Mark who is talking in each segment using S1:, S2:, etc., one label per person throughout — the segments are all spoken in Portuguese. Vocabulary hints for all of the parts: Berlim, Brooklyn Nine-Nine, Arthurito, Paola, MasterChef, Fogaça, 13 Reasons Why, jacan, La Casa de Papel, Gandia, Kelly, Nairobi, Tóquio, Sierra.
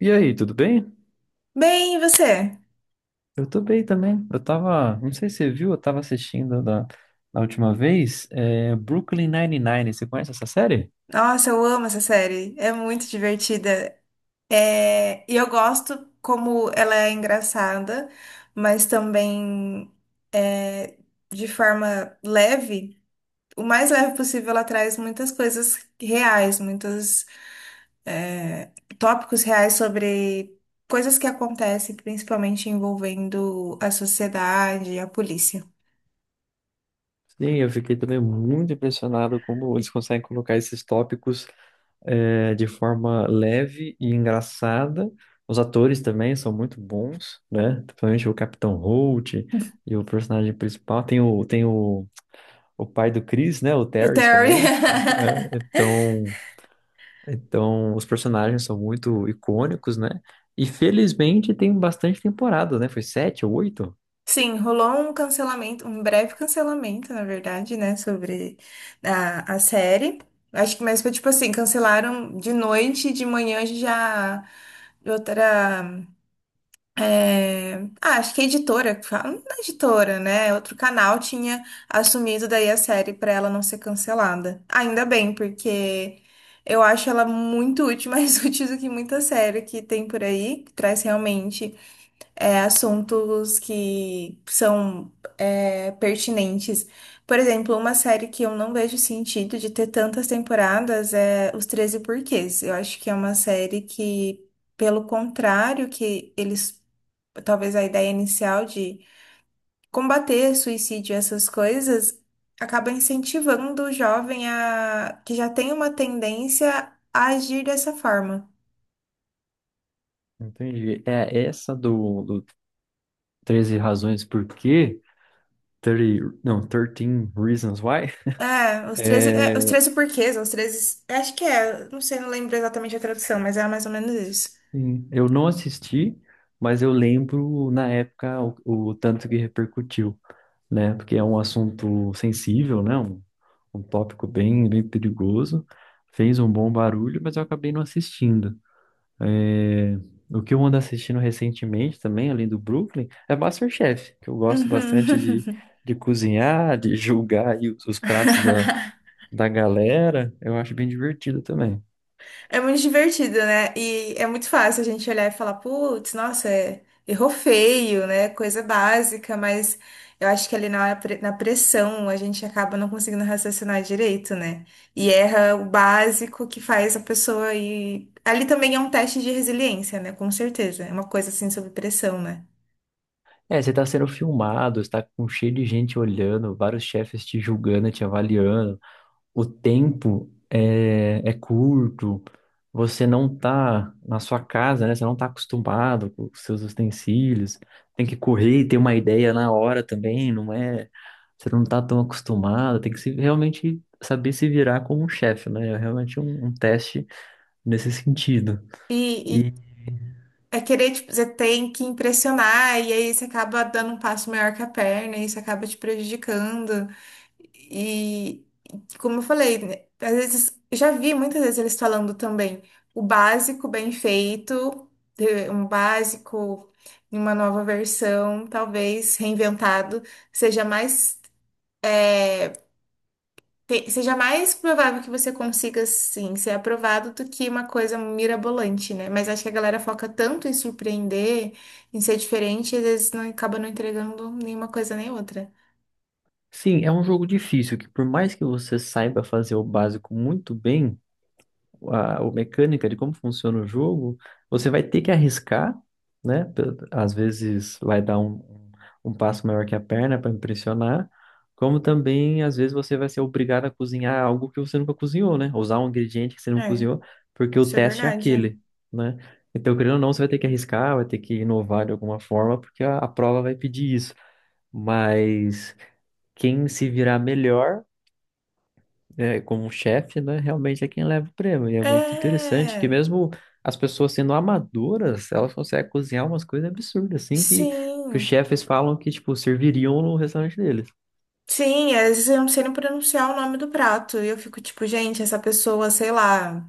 S1: E aí, tudo bem?
S2: Bem, e você?
S1: Eu tô bem também. Eu tava, não sei se você viu, eu tava assistindo da última vez, Brooklyn Nine-Nine. Você conhece essa série?
S2: Nossa, eu amo essa série. É muito divertida. E eu gosto como ela é engraçada, mas também é, de forma leve. O mais leve possível, ela traz muitas coisas reais, muitos é, tópicos reais sobre coisas que acontecem, principalmente envolvendo a sociedade e a polícia.
S1: Sim, eu fiquei também muito impressionado como eles conseguem colocar esses tópicos de forma leve e engraçada. Os atores também são muito bons, né? Principalmente o Capitão Holt e o personagem principal. Tem o pai do Chris, né? O
S2: O
S1: Terrence
S2: Terry.
S1: também. É, então. Então, os personagens são muito icônicos, né? E felizmente tem bastante temporada, né? Foi sete ou oito?
S2: Sim, rolou um cancelamento, um breve cancelamento, na verdade, né, sobre a série. Acho que mais foi tipo assim, cancelaram de noite e de manhã já outra. Ah, acho que a editora, que fala, não é editora, né? É outro canal tinha assumido daí a série pra ela não ser cancelada. Ainda bem, porque eu acho ela muito útil, mais útil do que muita série que tem por aí, que traz realmente assuntos que são pertinentes. Por exemplo, uma série que eu não vejo sentido de ter tantas temporadas é Os 13 Porquês. Eu acho que é uma série que, pelo contrário, que eles, talvez a ideia inicial de combater suicídio e essas coisas, acaba incentivando o jovem a que já tem uma tendência a agir dessa forma.
S1: Entendi. É essa do 13 Razões Por Quê? 30, não, 13 Reasons Why.
S2: Os
S1: É,
S2: 13 porquês, os 13, acho que é, não sei, não lembro exatamente a tradução, mas é mais ou menos isso.
S1: sim, eu não assisti, mas eu lembro na época o tanto que repercutiu, né? Porque é um assunto sensível, né? Um tópico bem perigoso. Fez um bom barulho, mas eu acabei não assistindo. É, o que eu ando assistindo recentemente também, além do Brooklyn, é MasterChef, que eu gosto bastante
S2: Uhum.
S1: de cozinhar, de julgar aí os pratos da galera. Eu acho bem divertido também.
S2: É muito divertido, né? E é muito fácil a gente olhar e falar, putz, nossa, é- errou feio, né? Coisa básica, mas eu acho que ali na, hora pre- na pressão a gente acaba não conseguindo raciocinar direito, né? E erra o básico que faz a pessoa ir. Ali também é um teste de resiliência, né? Com certeza. É uma coisa assim sob pressão, né?
S1: É, você tá sendo filmado, você tá com cheio de gente olhando, vários chefes te julgando, te avaliando. O tempo é curto, você não tá na sua casa, né? Você não tá acostumado com os seus utensílios, tem que correr e ter uma ideia na hora também, não é? Você não tá tão acostumado, tem que se, realmente saber se virar como um chefe, né? É realmente um teste nesse sentido.
S2: E,
S1: E
S2: e é querer, tipo, você tem que impressionar, e aí você acaba dando um passo maior que a perna, e isso acaba te prejudicando. E, como eu falei, né, às vezes, eu já vi muitas vezes eles falando também o básico bem feito, um básico em uma nova versão, talvez reinventado, seja mais, te- seja mais provável que você consiga, sim, ser aprovado do que uma coisa mirabolante, né? Mas acho que a galera foca tanto em surpreender, em ser diferente, e às vezes não acaba não entregando nenhuma coisa nem outra.
S1: sim, é um jogo difícil, que por mais que você saiba fazer o básico muito bem, a mecânica de como funciona o jogo, você vai ter que arriscar, né? Às vezes vai dar um passo maior que a perna para impressionar, como também às vezes você vai ser obrigado a cozinhar algo que você nunca cozinhou, né? Usar um ingrediente que você não
S2: É,
S1: cozinhou, porque o
S2: isso é
S1: teste é
S2: verdade.
S1: aquele, né? Então, querendo ou não, você vai ter que arriscar, vai ter que inovar de alguma forma, porque a prova vai pedir isso. Mas quem se virar melhor, né, como chefe, né, realmente é quem leva o prêmio. E é muito interessante que
S2: É,
S1: mesmo as pessoas sendo amadoras, elas conseguem cozinhar umas coisas absurdas, assim, que os
S2: sim.
S1: chefes falam que, tipo, serviriam no restaurante deles.
S2: Sim, às vezes eu não sei nem pronunciar o nome do prato. E eu fico tipo, gente, essa pessoa, sei lá.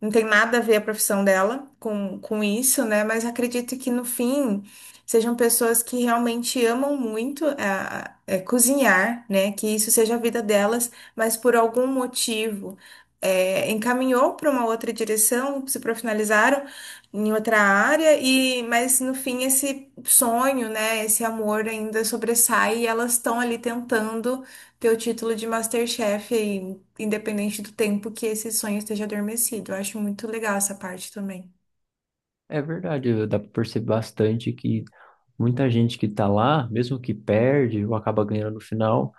S2: Não tem nada a ver a profissão dela com isso, né? Mas acredito que no fim sejam pessoas que realmente amam muito cozinhar, né? Que isso seja a vida delas, mas por algum motivo encaminhou para uma outra direção, se profissionalizaram em outra área, e mas no fim esse sonho, né? Esse amor ainda sobressai e elas estão ali tentando ter o título de MasterChef aí independente do tempo que esse sonho esteja adormecido. Eu acho muito legal essa parte também.
S1: É verdade, dá para perceber bastante que muita gente que tá lá, mesmo que perde ou acaba ganhando no final,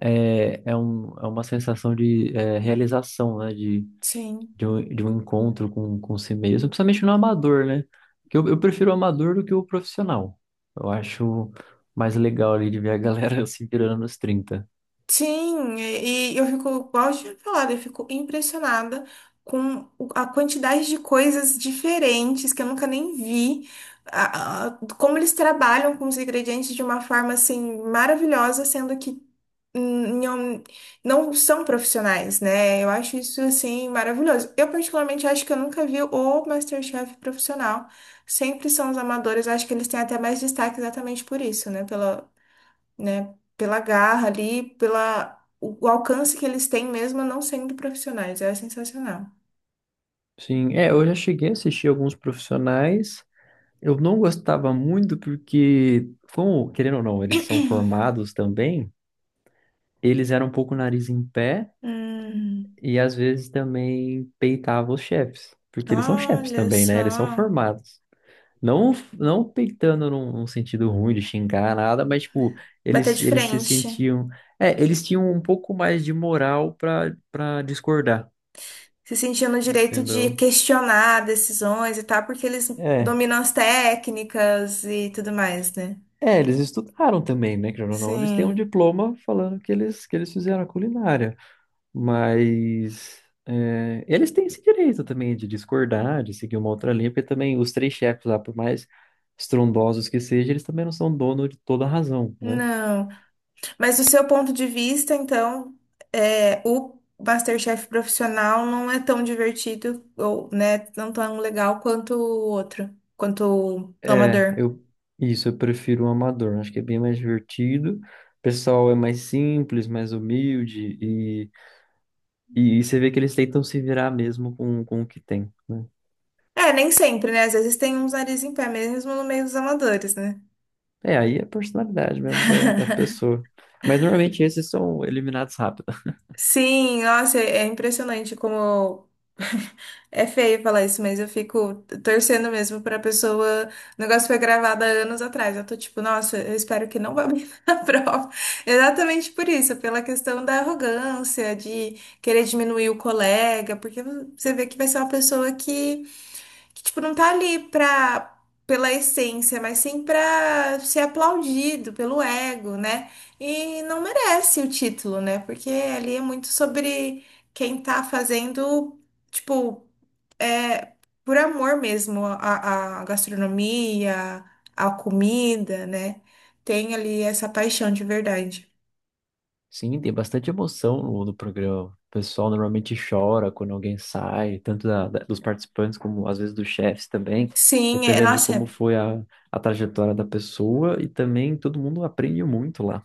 S1: é uma sensação de realização, né, de
S2: Sim.
S1: de um encontro com si mesmo, principalmente no amador, né? Porque eu prefiro o amador do que o profissional. Eu acho mais legal ali de ver a galera se virando nos trinta.
S2: Sim, e eu fico, igual eu tinha falado, eu fico impressionada com o- a quantidade de coisas diferentes que eu nunca nem vi, a- como eles trabalham com os ingredientes de uma forma assim maravilhosa, sendo que não, não são profissionais, né? Eu acho isso, assim, maravilhoso. Eu, particularmente, acho que eu nunca vi o MasterChef profissional. Sempre são os amadores. Acho que eles têm até mais destaque exatamente por isso, né? Pela, né? Pela garra ali, pela... O o alcance que eles têm mesmo não sendo profissionais. É sensacional.
S1: Sim, é, eu já cheguei a assistir alguns profissionais. Eu não gostava muito porque, como, querendo ou não, eles são formados também, eles eram um pouco nariz em pé
S2: Hum,
S1: e às vezes também peitavam os chefes, porque eles são chefes
S2: olha
S1: também, né? Eles são
S2: só.
S1: formados. Não, não peitando num sentido ruim de xingar nada, mas tipo,
S2: Bater de
S1: eles se
S2: frente.
S1: sentiam. É, eles tinham um pouco mais de moral pra discordar,
S2: Se sentia no direito de
S1: entendeu?
S2: questionar decisões e tal, porque eles
S1: É.
S2: dominam as técnicas e tudo mais, né?
S1: É, eles estudaram também, né? Querendo ou não, eles têm um
S2: Sim,
S1: diploma falando que que eles fizeram a culinária. Mas é, eles têm esse direito também de discordar, de seguir uma outra linha, porque também os três chefes lá, por mais estrondosos que sejam, eles também não são dono de toda a razão, né?
S2: não. Mas do seu ponto de vista, então, o MasterChef profissional não é tão divertido, ou, né, não tão legal quanto o outro, quanto o
S1: É,
S2: amador.
S1: eu prefiro o amador, acho que é bem mais divertido. O pessoal é mais simples, mais humilde e você vê que eles tentam se virar mesmo com o que tem, né?
S2: É, nem sempre, né? Às vezes tem uns nariz em pé mesmo no meio dos amadores, né?
S1: É, aí é a personalidade mesmo da pessoa. Mas normalmente esses são eliminados rápido.
S2: Sim, nossa, é impressionante como é feio falar isso, mas eu fico torcendo mesmo pra pessoa. O negócio foi gravado há anos atrás. Eu tô tipo, nossa, eu espero que não vá bem na prova. Exatamente por isso, pela questão da arrogância, de querer diminuir o colega, porque você vê que vai ser uma pessoa que, tipo, não tá ali pra, pela essência, mas sim pra ser aplaudido pelo ego, né? E não merece o título, né? Porque ali é muito sobre quem tá fazendo, tipo, por amor mesmo à, à gastronomia, à comida, né? Tem ali essa paixão de verdade.
S1: Sim, tem bastante emoção no programa. O pessoal normalmente chora quando alguém sai, tanto dos participantes como às vezes dos chefes também,
S2: Sim, é,
S1: dependendo de
S2: nossa,
S1: como
S2: é.
S1: foi a trajetória da pessoa e também todo mundo aprende muito lá.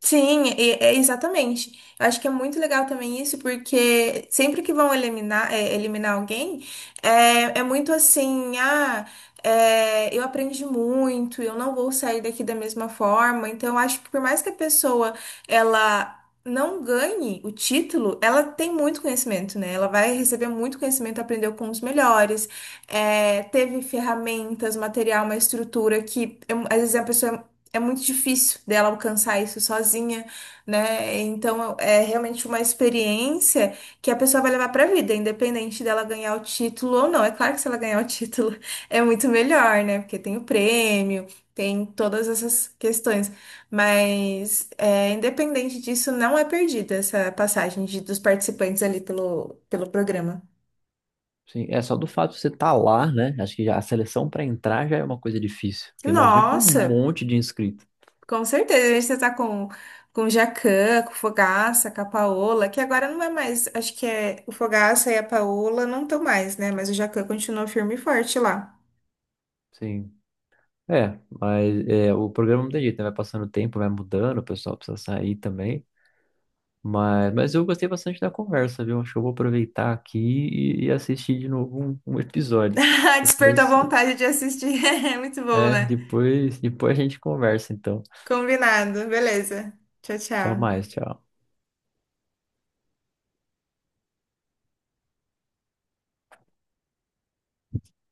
S2: Sim, e- é, exatamente. Eu acho que é muito legal também isso, porque sempre que vão eliminar, eliminar alguém, é, é muito assim, ah, é, eu aprendi muito, eu não vou sair daqui da mesma forma. Então, eu acho que por mais que a pessoa, ela não ganhe o título, ela tem muito conhecimento, né? Ela vai receber muito conhecimento, aprendeu com os melhores, teve ferramentas, material, uma estrutura que, é, às vezes, a pessoa é muito difícil dela alcançar isso sozinha, né? Então é realmente uma experiência que a pessoa vai levar para a vida, independente dela ganhar o título ou não. É claro que se ela ganhar o título é muito melhor, né? Porque tem o prêmio, tem todas essas questões. Mas é, independente disso, não é perdida essa passagem de- dos participantes ali pelo, pelo programa.
S1: Sim, é só do fato de você estar lá, né? Acho que já a seleção para entrar já é uma coisa difícil, porque imagina que um
S2: Nossa!
S1: monte de inscrito.
S2: Com certeza, a gente já tá com o jacan, com o Fogaça, com a Paola, que agora não é mais, acho que é o Fogaça e a Paola não estão mais, né? Mas o jacan continua firme e forte lá.
S1: Sim. É, mas é, o programa não tem jeito, né? Vai passando o tempo, vai mudando, o pessoal precisa sair também. Mas eu gostei bastante da conversa, viu? Acho que eu vou aproveitar aqui e assistir de novo um episódio.
S2: Despertou
S1: Depois,
S2: a vontade de assistir. É muito bom, né?
S1: depois a gente conversa, então.
S2: Combinado, beleza. Tchau,
S1: Tchau
S2: tchau.
S1: mais, tchau.